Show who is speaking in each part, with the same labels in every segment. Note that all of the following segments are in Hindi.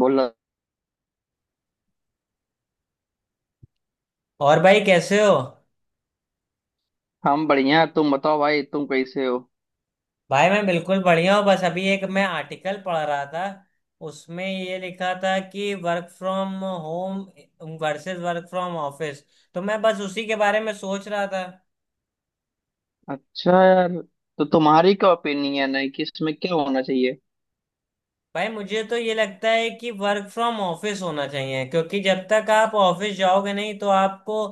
Speaker 1: बोला।
Speaker 2: और भाई कैसे हो?
Speaker 1: हम बढ़िया, तुम बताओ भाई, तुम कैसे हो?
Speaker 2: भाई मैं बिल्कुल बढ़िया हूँ। बस अभी एक मैं आर्टिकल पढ़ रहा था। उसमें ये लिखा था कि work from home versus work from office. तो मैं बस उसी के बारे में सोच रहा था।
Speaker 1: अच्छा यार, तो तुम्हारी क्या ओपिनियन है कि इसमें क्या होना चाहिए?
Speaker 2: भाई मुझे तो ये लगता है कि वर्क फ्रॉम ऑफिस होना चाहिए क्योंकि जब तक आप ऑफिस जाओगे नहीं तो आपको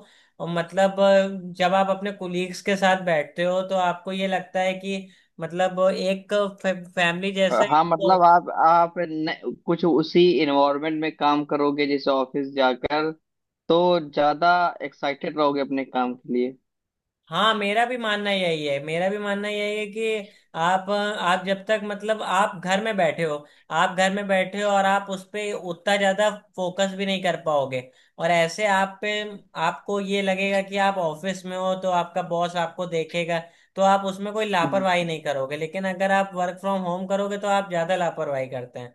Speaker 2: मतलब जब आप अपने कुलीग्स के साथ बैठते हो तो आपको ये लगता है कि मतलब एक फैमिली जैसा ही।
Speaker 1: हाँ, मतलब आप न, कुछ उसी इन्वायरमेंट में काम करोगे जैसे ऑफिस जाकर। तो ज्यादा एक्साइटेड रहोगे अपने काम के लिए।
Speaker 2: हाँ, मेरा भी मानना यही है, मेरा भी मानना यही है कि आप जब तक मतलब आप घर में बैठे हो। आप घर में बैठे हो और आप उस पे उतना ज्यादा फोकस भी नहीं कर पाओगे। और ऐसे आप पे आपको ये लगेगा कि आप ऑफिस में हो तो आपका बॉस आपको देखेगा। तो आप उसमें कोई लापरवाही नहीं करोगे, लेकिन अगर आप वर्क फ्रॉम होम करोगे तो आप ज्यादा लापरवाही करते हैं।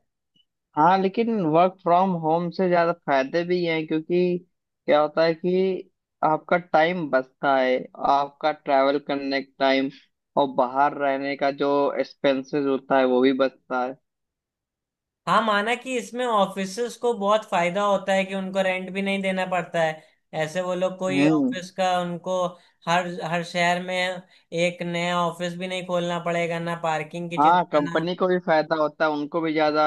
Speaker 1: हाँ, लेकिन वर्क फ्रॉम होम से ज्यादा फायदे भी हैं, क्योंकि क्या होता है कि आपका टाइम बचता है, आपका ट्रैवल करने का टाइम, और बाहर रहने का जो एक्सपेंसेस होता है वो भी बचता है।
Speaker 2: हाँ, माना कि इसमें ऑफिसर्स को बहुत फायदा होता है कि उनको रेंट भी नहीं देना पड़ता है। ऐसे वो लोग कोई
Speaker 1: हम्म।
Speaker 2: ऑफिस का उनको हर हर शहर में एक नया ऑफिस भी नहीं खोलना पड़ेगा, ना पार्किंग की
Speaker 1: हाँ,
Speaker 2: चिंता, ना।
Speaker 1: कंपनी को भी फायदा होता है, उनको भी ज्यादा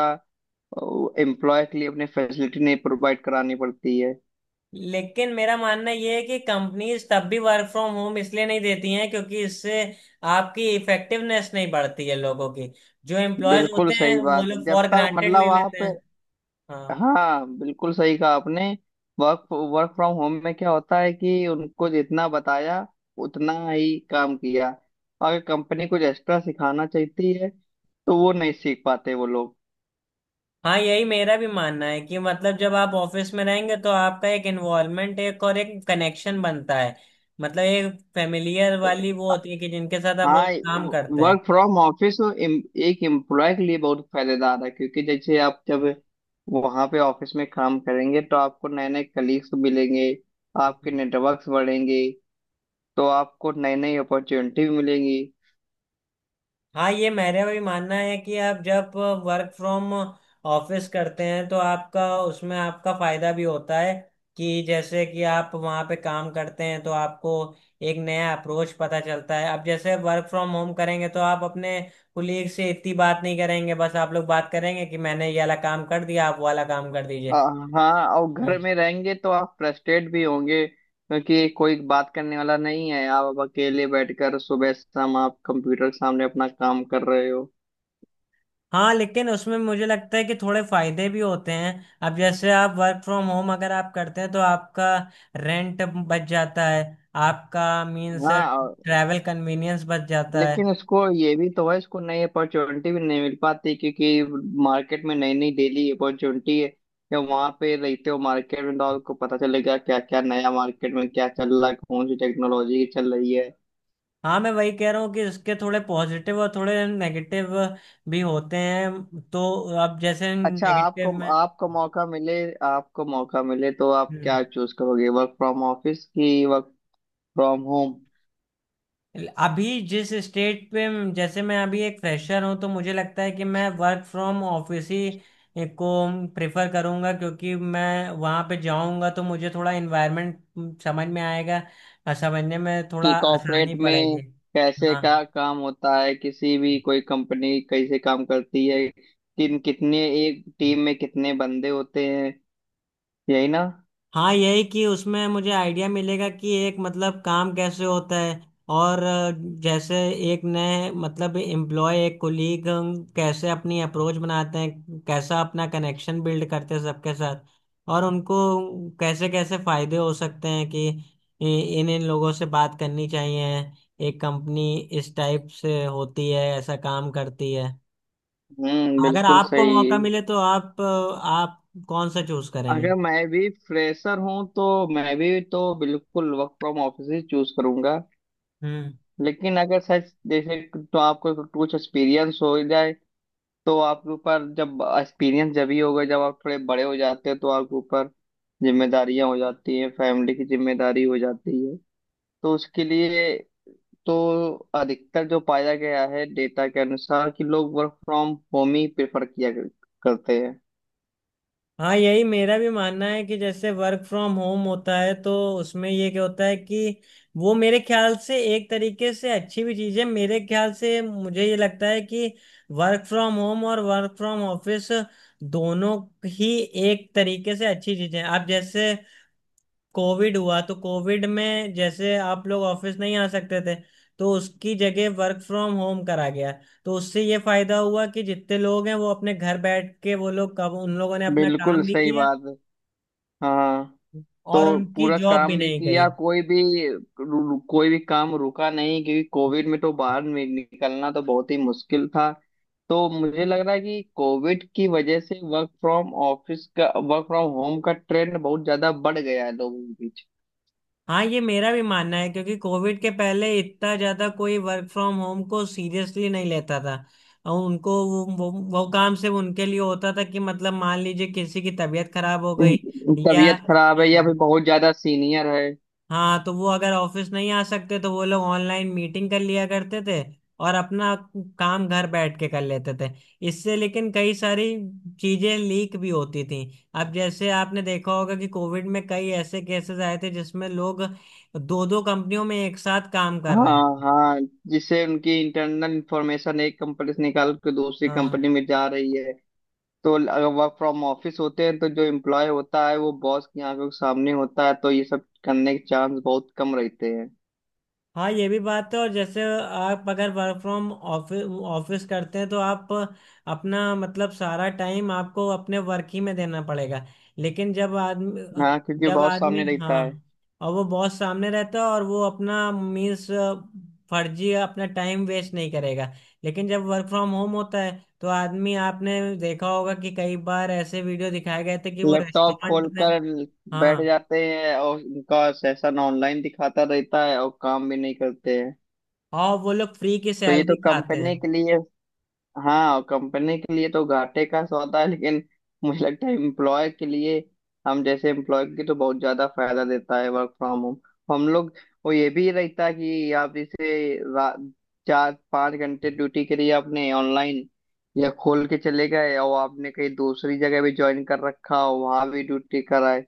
Speaker 1: एम्प्लॉय के लिए अपनी फैसिलिटी नहीं प्रोवाइड करानी पड़ती है।
Speaker 2: लेकिन मेरा मानना ये है कि कंपनीज तब भी वर्क फ्रॉम होम इसलिए नहीं देती हैं क्योंकि इससे आपकी इफेक्टिवनेस नहीं बढ़ती है लोगों की। जो एम्प्लॉयज
Speaker 1: बिल्कुल
Speaker 2: होते हैं
Speaker 1: सही
Speaker 2: वो
Speaker 1: बात है,
Speaker 2: लोग
Speaker 1: जब
Speaker 2: फॉर
Speaker 1: तक
Speaker 2: ग्रांटेड ले
Speaker 1: मतलब
Speaker 2: लेते
Speaker 1: आप।
Speaker 2: हैं। हाँ।
Speaker 1: हाँ, बिल्कुल सही कहा आपने। वर्क वर्क फ्रॉम होम में क्या होता है कि उनको जितना बताया उतना ही काम किया। अगर कंपनी कुछ एक्स्ट्रा सिखाना चाहती है तो वो नहीं सीख पाते वो लोग।
Speaker 2: हाँ, यही मेरा भी मानना है कि मतलब जब आप ऑफिस में रहेंगे तो आपका एक इन्वॉल्वमेंट, एक और एक कनेक्शन बनता है। मतलब एक फैमिलियर वाली वो होती है कि जिनके साथ आप
Speaker 1: हाँ,
Speaker 2: रोज काम करते
Speaker 1: वर्क फ्रॉम ऑफिस एक एम्प्लॉय के लिए बहुत फायदेदार है, क्योंकि जैसे आप जब वहाँ पे ऑफिस में काम करेंगे तो आपको नए नए कलीग्स मिलेंगे, आपके
Speaker 2: हैं।
Speaker 1: नेटवर्क्स बढ़ेंगे, तो आपको नई नई अपॉर्चुनिटी मिलेंगी।
Speaker 2: हाँ, ये मेरा भी मानना है कि आप जब वर्क फ्रॉम ऑफिस करते हैं तो आपका फायदा भी होता है। कि जैसे कि आप वहाँ पे काम करते हैं तो आपको एक नया अप्रोच पता चलता है। अब जैसे वर्क फ्रॉम होम करेंगे तो आप अपने कुलीग से इतनी बात नहीं करेंगे, बस आप लोग बात करेंगे कि मैंने ये वाला काम कर दिया, आप वो वाला काम कर दीजिए।
Speaker 1: हाँ, और
Speaker 2: हम्म।
Speaker 1: घर में रहेंगे तो आप फ्रस्ट्रेट भी होंगे, क्योंकि कोई बात करने वाला नहीं है। आप अब अकेले बैठकर सुबह शाम आप कंप्यूटर के सामने अपना काम कर रहे हो।
Speaker 2: हाँ, लेकिन उसमें मुझे लगता है कि थोड़े फायदे भी होते हैं। अब जैसे आप वर्क फ्रॉम होम अगर आप करते हैं तो आपका रेंट बच जाता है। आपका मीन्स
Speaker 1: हाँ और-
Speaker 2: ट्रैवल कन्वीनियंस बच जाता है।
Speaker 1: लेकिन उसको ये भी तो है, इसको नई अपॉर्चुनिटी भी नहीं मिल पाती, क्योंकि मार्केट में नई नई डेली अपॉर्चुनिटी है। या वहाँ पे रहते हो मार्केट में तो आपको पता चलेगा क्या क्या नया मार्केट में क्या चल रहा है, कौन सी टेक्नोलॉजी चल रही है।
Speaker 2: हाँ, मैं वही कह रहा हूँ कि इसके थोड़े पॉजिटिव और थोड़े नेगेटिव भी होते हैं, तो अब जैसे
Speaker 1: अच्छा, आपको
Speaker 2: नेगेटिव में।
Speaker 1: आपको मौका मिले, आपको मौका मिले तो आप
Speaker 2: हम्म।
Speaker 1: क्या चूज करोगे, वर्क फ्रॉम ऑफिस की वर्क फ्रॉम होम?
Speaker 2: अभी जिस स्टेट पे, जैसे मैं अभी एक फ्रेशर हूँ, तो मुझे लगता है कि मैं वर्क फ्रॉम ऑफिस ही को प्रेफर करूँगा क्योंकि मैं वहाँ पे जाऊँगा तो मुझे थोड़ा इन्वायरमेंट समझ में आएगा और समझने में
Speaker 1: कि
Speaker 2: थोड़ा आसानी
Speaker 1: कॉर्पोरेट में
Speaker 2: पड़ेगी।
Speaker 1: कैसे क्या
Speaker 2: हाँ।
Speaker 1: काम होता है, किसी भी कोई कंपनी कैसे काम करती है, किन कितने एक टीम में कितने बंदे होते हैं, यही ना?
Speaker 2: हाँ, यही कि उसमें मुझे आइडिया मिलेगा कि एक मतलब काम कैसे होता है और जैसे एक नए मतलब एम्प्लॉय एक कोलीग कैसे अपनी अप्रोच बनाते हैं, कैसा अपना कनेक्शन बिल्ड करते हैं सबके साथ, और उनको कैसे कैसे फायदे हो सकते हैं कि इ- इन इन लोगों से बात करनी चाहिए। एक कंपनी इस टाइप से होती है, ऐसा काम करती है।
Speaker 1: हम्म,
Speaker 2: अगर
Speaker 1: बिल्कुल
Speaker 2: आपको
Speaker 1: सही।
Speaker 2: मौका मिले तो आप कौन सा चूज करेंगे?
Speaker 1: अगर मैं भी फ्रेशर हूँ तो मैं भी तो बिल्कुल वर्क फ्रॉम ऑफिस ही चूज करूंगा।
Speaker 2: हम्म।
Speaker 1: लेकिन अगर सच जैसे, तो आपको कुछ एक्सपीरियंस हो जाए, तो आपके ऊपर जब एक्सपीरियंस जब ही होगा जब आप थोड़े बड़े हो जाते हैं, तो आपके ऊपर जिम्मेदारियां हो जाती हैं, फैमिली की जिम्मेदारी हो जाती है, तो उसके लिए तो अधिकतर जो पाया गया है डेटा के अनुसार कि लोग वर्क फ्रॉम होम ही प्रेफर किया कर- करते हैं।
Speaker 2: हाँ, यही मेरा भी मानना है कि जैसे वर्क फ्रॉम होम होता है तो उसमें ये क्या होता है कि वो मेरे ख्याल से एक तरीके से अच्छी भी चीज़ है। मेरे ख्याल से मुझे ये लगता है कि वर्क फ्रॉम होम और वर्क फ्रॉम ऑफिस दोनों ही एक तरीके से अच्छी चीज़ें हैं। आप जैसे कोविड हुआ तो कोविड में जैसे आप लोग ऑफिस नहीं आ सकते थे तो उसकी जगह वर्क फ्रॉम होम करा गया। तो उससे ये फायदा हुआ कि जितने लोग हैं वो अपने घर बैठ के वो लोग कब उन लोगों ने अपना
Speaker 1: बिल्कुल
Speaker 2: काम भी
Speaker 1: सही
Speaker 2: किया
Speaker 1: बात है। हाँ,
Speaker 2: और
Speaker 1: तो
Speaker 2: उनकी
Speaker 1: पूरा
Speaker 2: जॉब भी
Speaker 1: काम भी
Speaker 2: नहीं
Speaker 1: किया।
Speaker 2: गई।
Speaker 1: कोई भी रू- कोई भी काम रुका नहीं, क्योंकि कोविड में तो बाहर नि- निकलना तो बहुत ही मुश्किल था। तो मुझे लग रहा है कि कोविड की वजह से वर्क फ्रॉम ऑफिस का वर्क फ्रॉम होम का ट्रेंड बहुत ज्यादा बढ़ गया है लोगों के बीच।
Speaker 2: हाँ, ये मेरा भी मानना है क्योंकि कोविड के पहले इतना ज्यादा कोई वर्क फ्रॉम होम को सीरियसली नहीं लेता था। और उनको वो काम सिर्फ उनके लिए होता था कि मतलब मान लीजिए किसी की तबीयत खराब हो गई। या
Speaker 1: तबीयत खराब है
Speaker 2: हाँ,
Speaker 1: या फिर बहुत ज्यादा सीनियर है।
Speaker 2: हाँ तो वो अगर ऑफिस नहीं आ सकते तो वो लोग ऑनलाइन मीटिंग कर लिया करते थे और अपना काम घर बैठ के कर लेते थे। इससे लेकिन कई सारी चीजें लीक भी होती थी। अब जैसे आपने देखा होगा कि कोविड में कई ऐसे केसेस आए थे जिसमें लोग दो दो कंपनियों में एक साथ काम कर रहे
Speaker 1: हाँ
Speaker 2: थे।
Speaker 1: हाँ जिससे उनकी इंटरनल इंफॉर्मेशन एक कंपनी से निकाल के दूसरी
Speaker 2: हाँ,
Speaker 1: कंपनी में जा रही है। तो अगर वर्क फ्रॉम ऑफिस होते हैं तो जो एम्प्लॉय होता है वो बॉस की आंखों के सामने होता है, तो ये सब करने के चांस बहुत कम रहते हैं।
Speaker 2: हाँ, ये भी बात है और जैसे आप अगर वर्क फ्रॉम ऑफिस ऑफिस करते हैं तो आप अपना मतलब सारा टाइम आपको अपने वर्क ही में देना पड़ेगा। लेकिन जब आदमी,
Speaker 1: हाँ, क्योंकि
Speaker 2: जब
Speaker 1: बहुत
Speaker 2: आदमी,
Speaker 1: सामने रहता
Speaker 2: हाँ,
Speaker 1: है।
Speaker 2: और वो बॉस सामने रहता है और वो अपना मीन्स फर्जी अपना टाइम वेस्ट नहीं करेगा। लेकिन जब वर्क फ्रॉम होम होता है, तो आदमी आपने देखा होगा कि कई बार ऐसे वीडियो दिखाए गए थे कि वो
Speaker 1: लैपटॉप
Speaker 2: रेस्टोरेंट में।
Speaker 1: खोलकर बैठ
Speaker 2: हाँ,
Speaker 1: जाते हैं और उनका सेशन ऑनलाइन दिखाता रहता है और काम भी नहीं करते हैं।
Speaker 2: और वो लोग फ्री की
Speaker 1: तो ये तो
Speaker 2: सैलरी खाते हैं।
Speaker 1: कंपनी के लिए। हाँ, और कंपनी के लिए तो घाटे का सौदा है, लेकिन मुझे लगता है एम्प्लॉय के लिए, हम जैसे एम्प्लॉय की तो बहुत ज्यादा फायदा देता है वर्क फ्रॉम होम। हम लोग, वो ये भी रहता है कि आप जैसे रा- चार पाँच घंटे ड्यूटी करी आपने ऑनलाइन, या खोल के चले गए और आपने कहीं दूसरी जगह भी ज्वाइन कर रखा हो, वहां भी ड्यूटी कराए।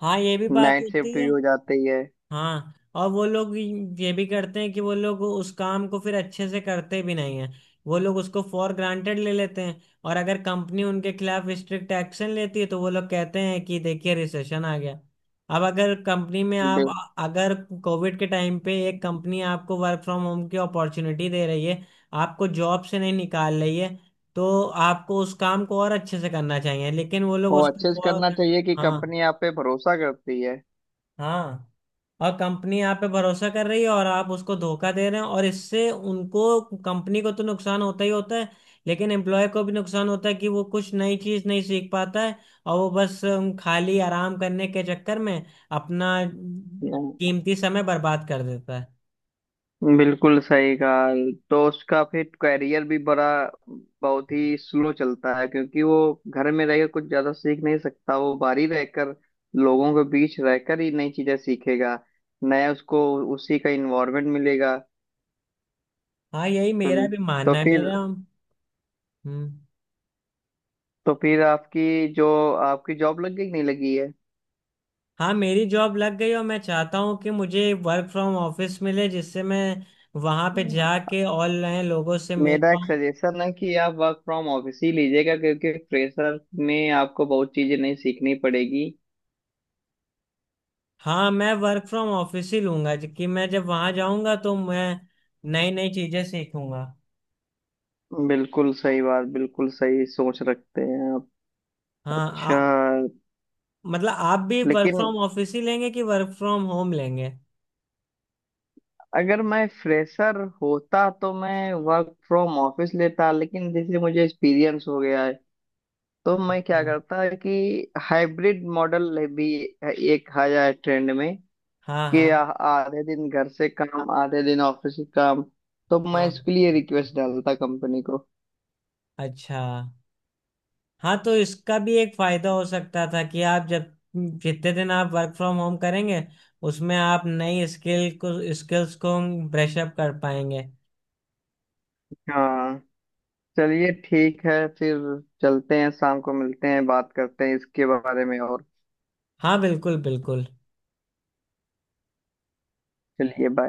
Speaker 2: हाँ, ये भी बात
Speaker 1: नाइट शिफ्ट
Speaker 2: होती
Speaker 1: भी
Speaker 2: है।
Speaker 1: हो जाती है।
Speaker 2: हाँ, और वो लोग ये भी करते हैं कि वो लोग उस काम को फिर अच्छे से करते भी नहीं है। वो लोग उसको फॉर ग्रांटेड ले लेते हैं। और अगर कंपनी उनके खिलाफ स्ट्रिक्ट एक्शन लेती है तो वो लोग कहते हैं कि देखिए रिसेशन आ गया। अब अगर कंपनी में आप,
Speaker 1: बि-
Speaker 2: अगर कोविड के टाइम पे एक कंपनी आपको वर्क फ्रॉम होम की अपॉर्चुनिटी दे रही है, आपको जॉब से नहीं निकाल रही है, तो आपको उस काम को और अच्छे से करना चाहिए लेकिन वो लोग
Speaker 1: वो
Speaker 2: उसको
Speaker 1: अच्छे से करना
Speaker 2: फॉर।
Speaker 1: चाहिए कि
Speaker 2: हाँ।
Speaker 1: कंपनी आप पे भरोसा करती है।
Speaker 2: हाँ, और कंपनी आप पे भरोसा कर रही है और आप उसको धोखा दे रहे हैं और इससे उनको कंपनी को तो नुकसान होता ही होता है। लेकिन एम्प्लॉय को भी नुकसान होता है कि वो कुछ नई चीज नहीं सीख पाता है। और वो बस खाली आराम करने के चक्कर में अपना
Speaker 1: हम्म,
Speaker 2: कीमती समय बर्बाद कर देता है।
Speaker 1: बिल्कुल सही कहा। तो उसका फिर करियर भी बड़ा बहुत ही स्लो चलता है, क्योंकि वो घर में रहकर कुछ ज्यादा सीख नहीं सकता। वो बाहर ही रहकर लोगों के बीच रहकर ही नई चीजें सीखेगा, नया उसको उसी का इन्वायरमेंट मिलेगा।
Speaker 2: हाँ, यही
Speaker 1: तो
Speaker 2: मेरा भी
Speaker 1: तो
Speaker 2: मानना है
Speaker 1: फिर,
Speaker 2: मेरा हम्म।
Speaker 1: तो फिर आपकी जो आपकी जॉब लग गई कि नहीं लगी?
Speaker 2: हाँ, मेरी जॉब लग गई और मैं चाहता हूँ कि मुझे वर्क फ्रॉम ऑफिस मिले जिससे मैं वहां पे
Speaker 1: है,
Speaker 2: जाके ऑनलाइन लोगों से मिल
Speaker 1: मेरा एक
Speaker 2: पाऊँ।
Speaker 1: सजेशन है कि आप वर्क फ्रॉम ऑफिस ही लीजिएगा, क्योंकि फ्रेशर में आपको बहुत चीजें नहीं सीखनी पड़ेगी।
Speaker 2: हाँ, मैं वर्क फ्रॉम ऑफिस ही लूंगा कि मैं जब वहां जाऊंगा तो मैं नई नई चीजें सीखूंगा।
Speaker 1: बिल्कुल सही बात, बिल्कुल सही सोच रखते हैं आप।
Speaker 2: हाँ
Speaker 1: अच्छा।
Speaker 2: मतलब आप भी वर्क
Speaker 1: लेकिन
Speaker 2: फ्रॉम ऑफिस ही लेंगे कि वर्क फ्रॉम होम लेंगे?
Speaker 1: अगर मैं फ्रेशर होता तो मैं वर्क फ्रॉम ऑफिस लेता, लेकिन जैसे मुझे एक्सपीरियंस हो गया है, तो मैं क्या
Speaker 2: हाँ,
Speaker 1: करता है कि हाइब्रिड मॉडल भी एक आ जाए ट्रेंड में
Speaker 2: हाँ,
Speaker 1: कि
Speaker 2: हाँ,
Speaker 1: आ- आधे दिन घर से काम आधे दिन ऑफिस के काम, तो मैं
Speaker 2: हाँ,
Speaker 1: इसके लिए रिक्वेस्ट डालता कंपनी को।
Speaker 2: अच्छा। हाँ, तो इसका भी एक फायदा हो सकता था कि आप जब जितने दिन आप वर्क फ्रॉम होम करेंगे, उसमें आप नई स्किल्स को ब्रश अप कर पाएंगे।
Speaker 1: हाँ। चलिए, ठीक है फिर, चलते हैं, शाम को मिलते हैं, बात करते हैं इसके बारे में और।
Speaker 2: हाँ, बिल्कुल बिल्कुल।
Speaker 1: चलिए, बाय।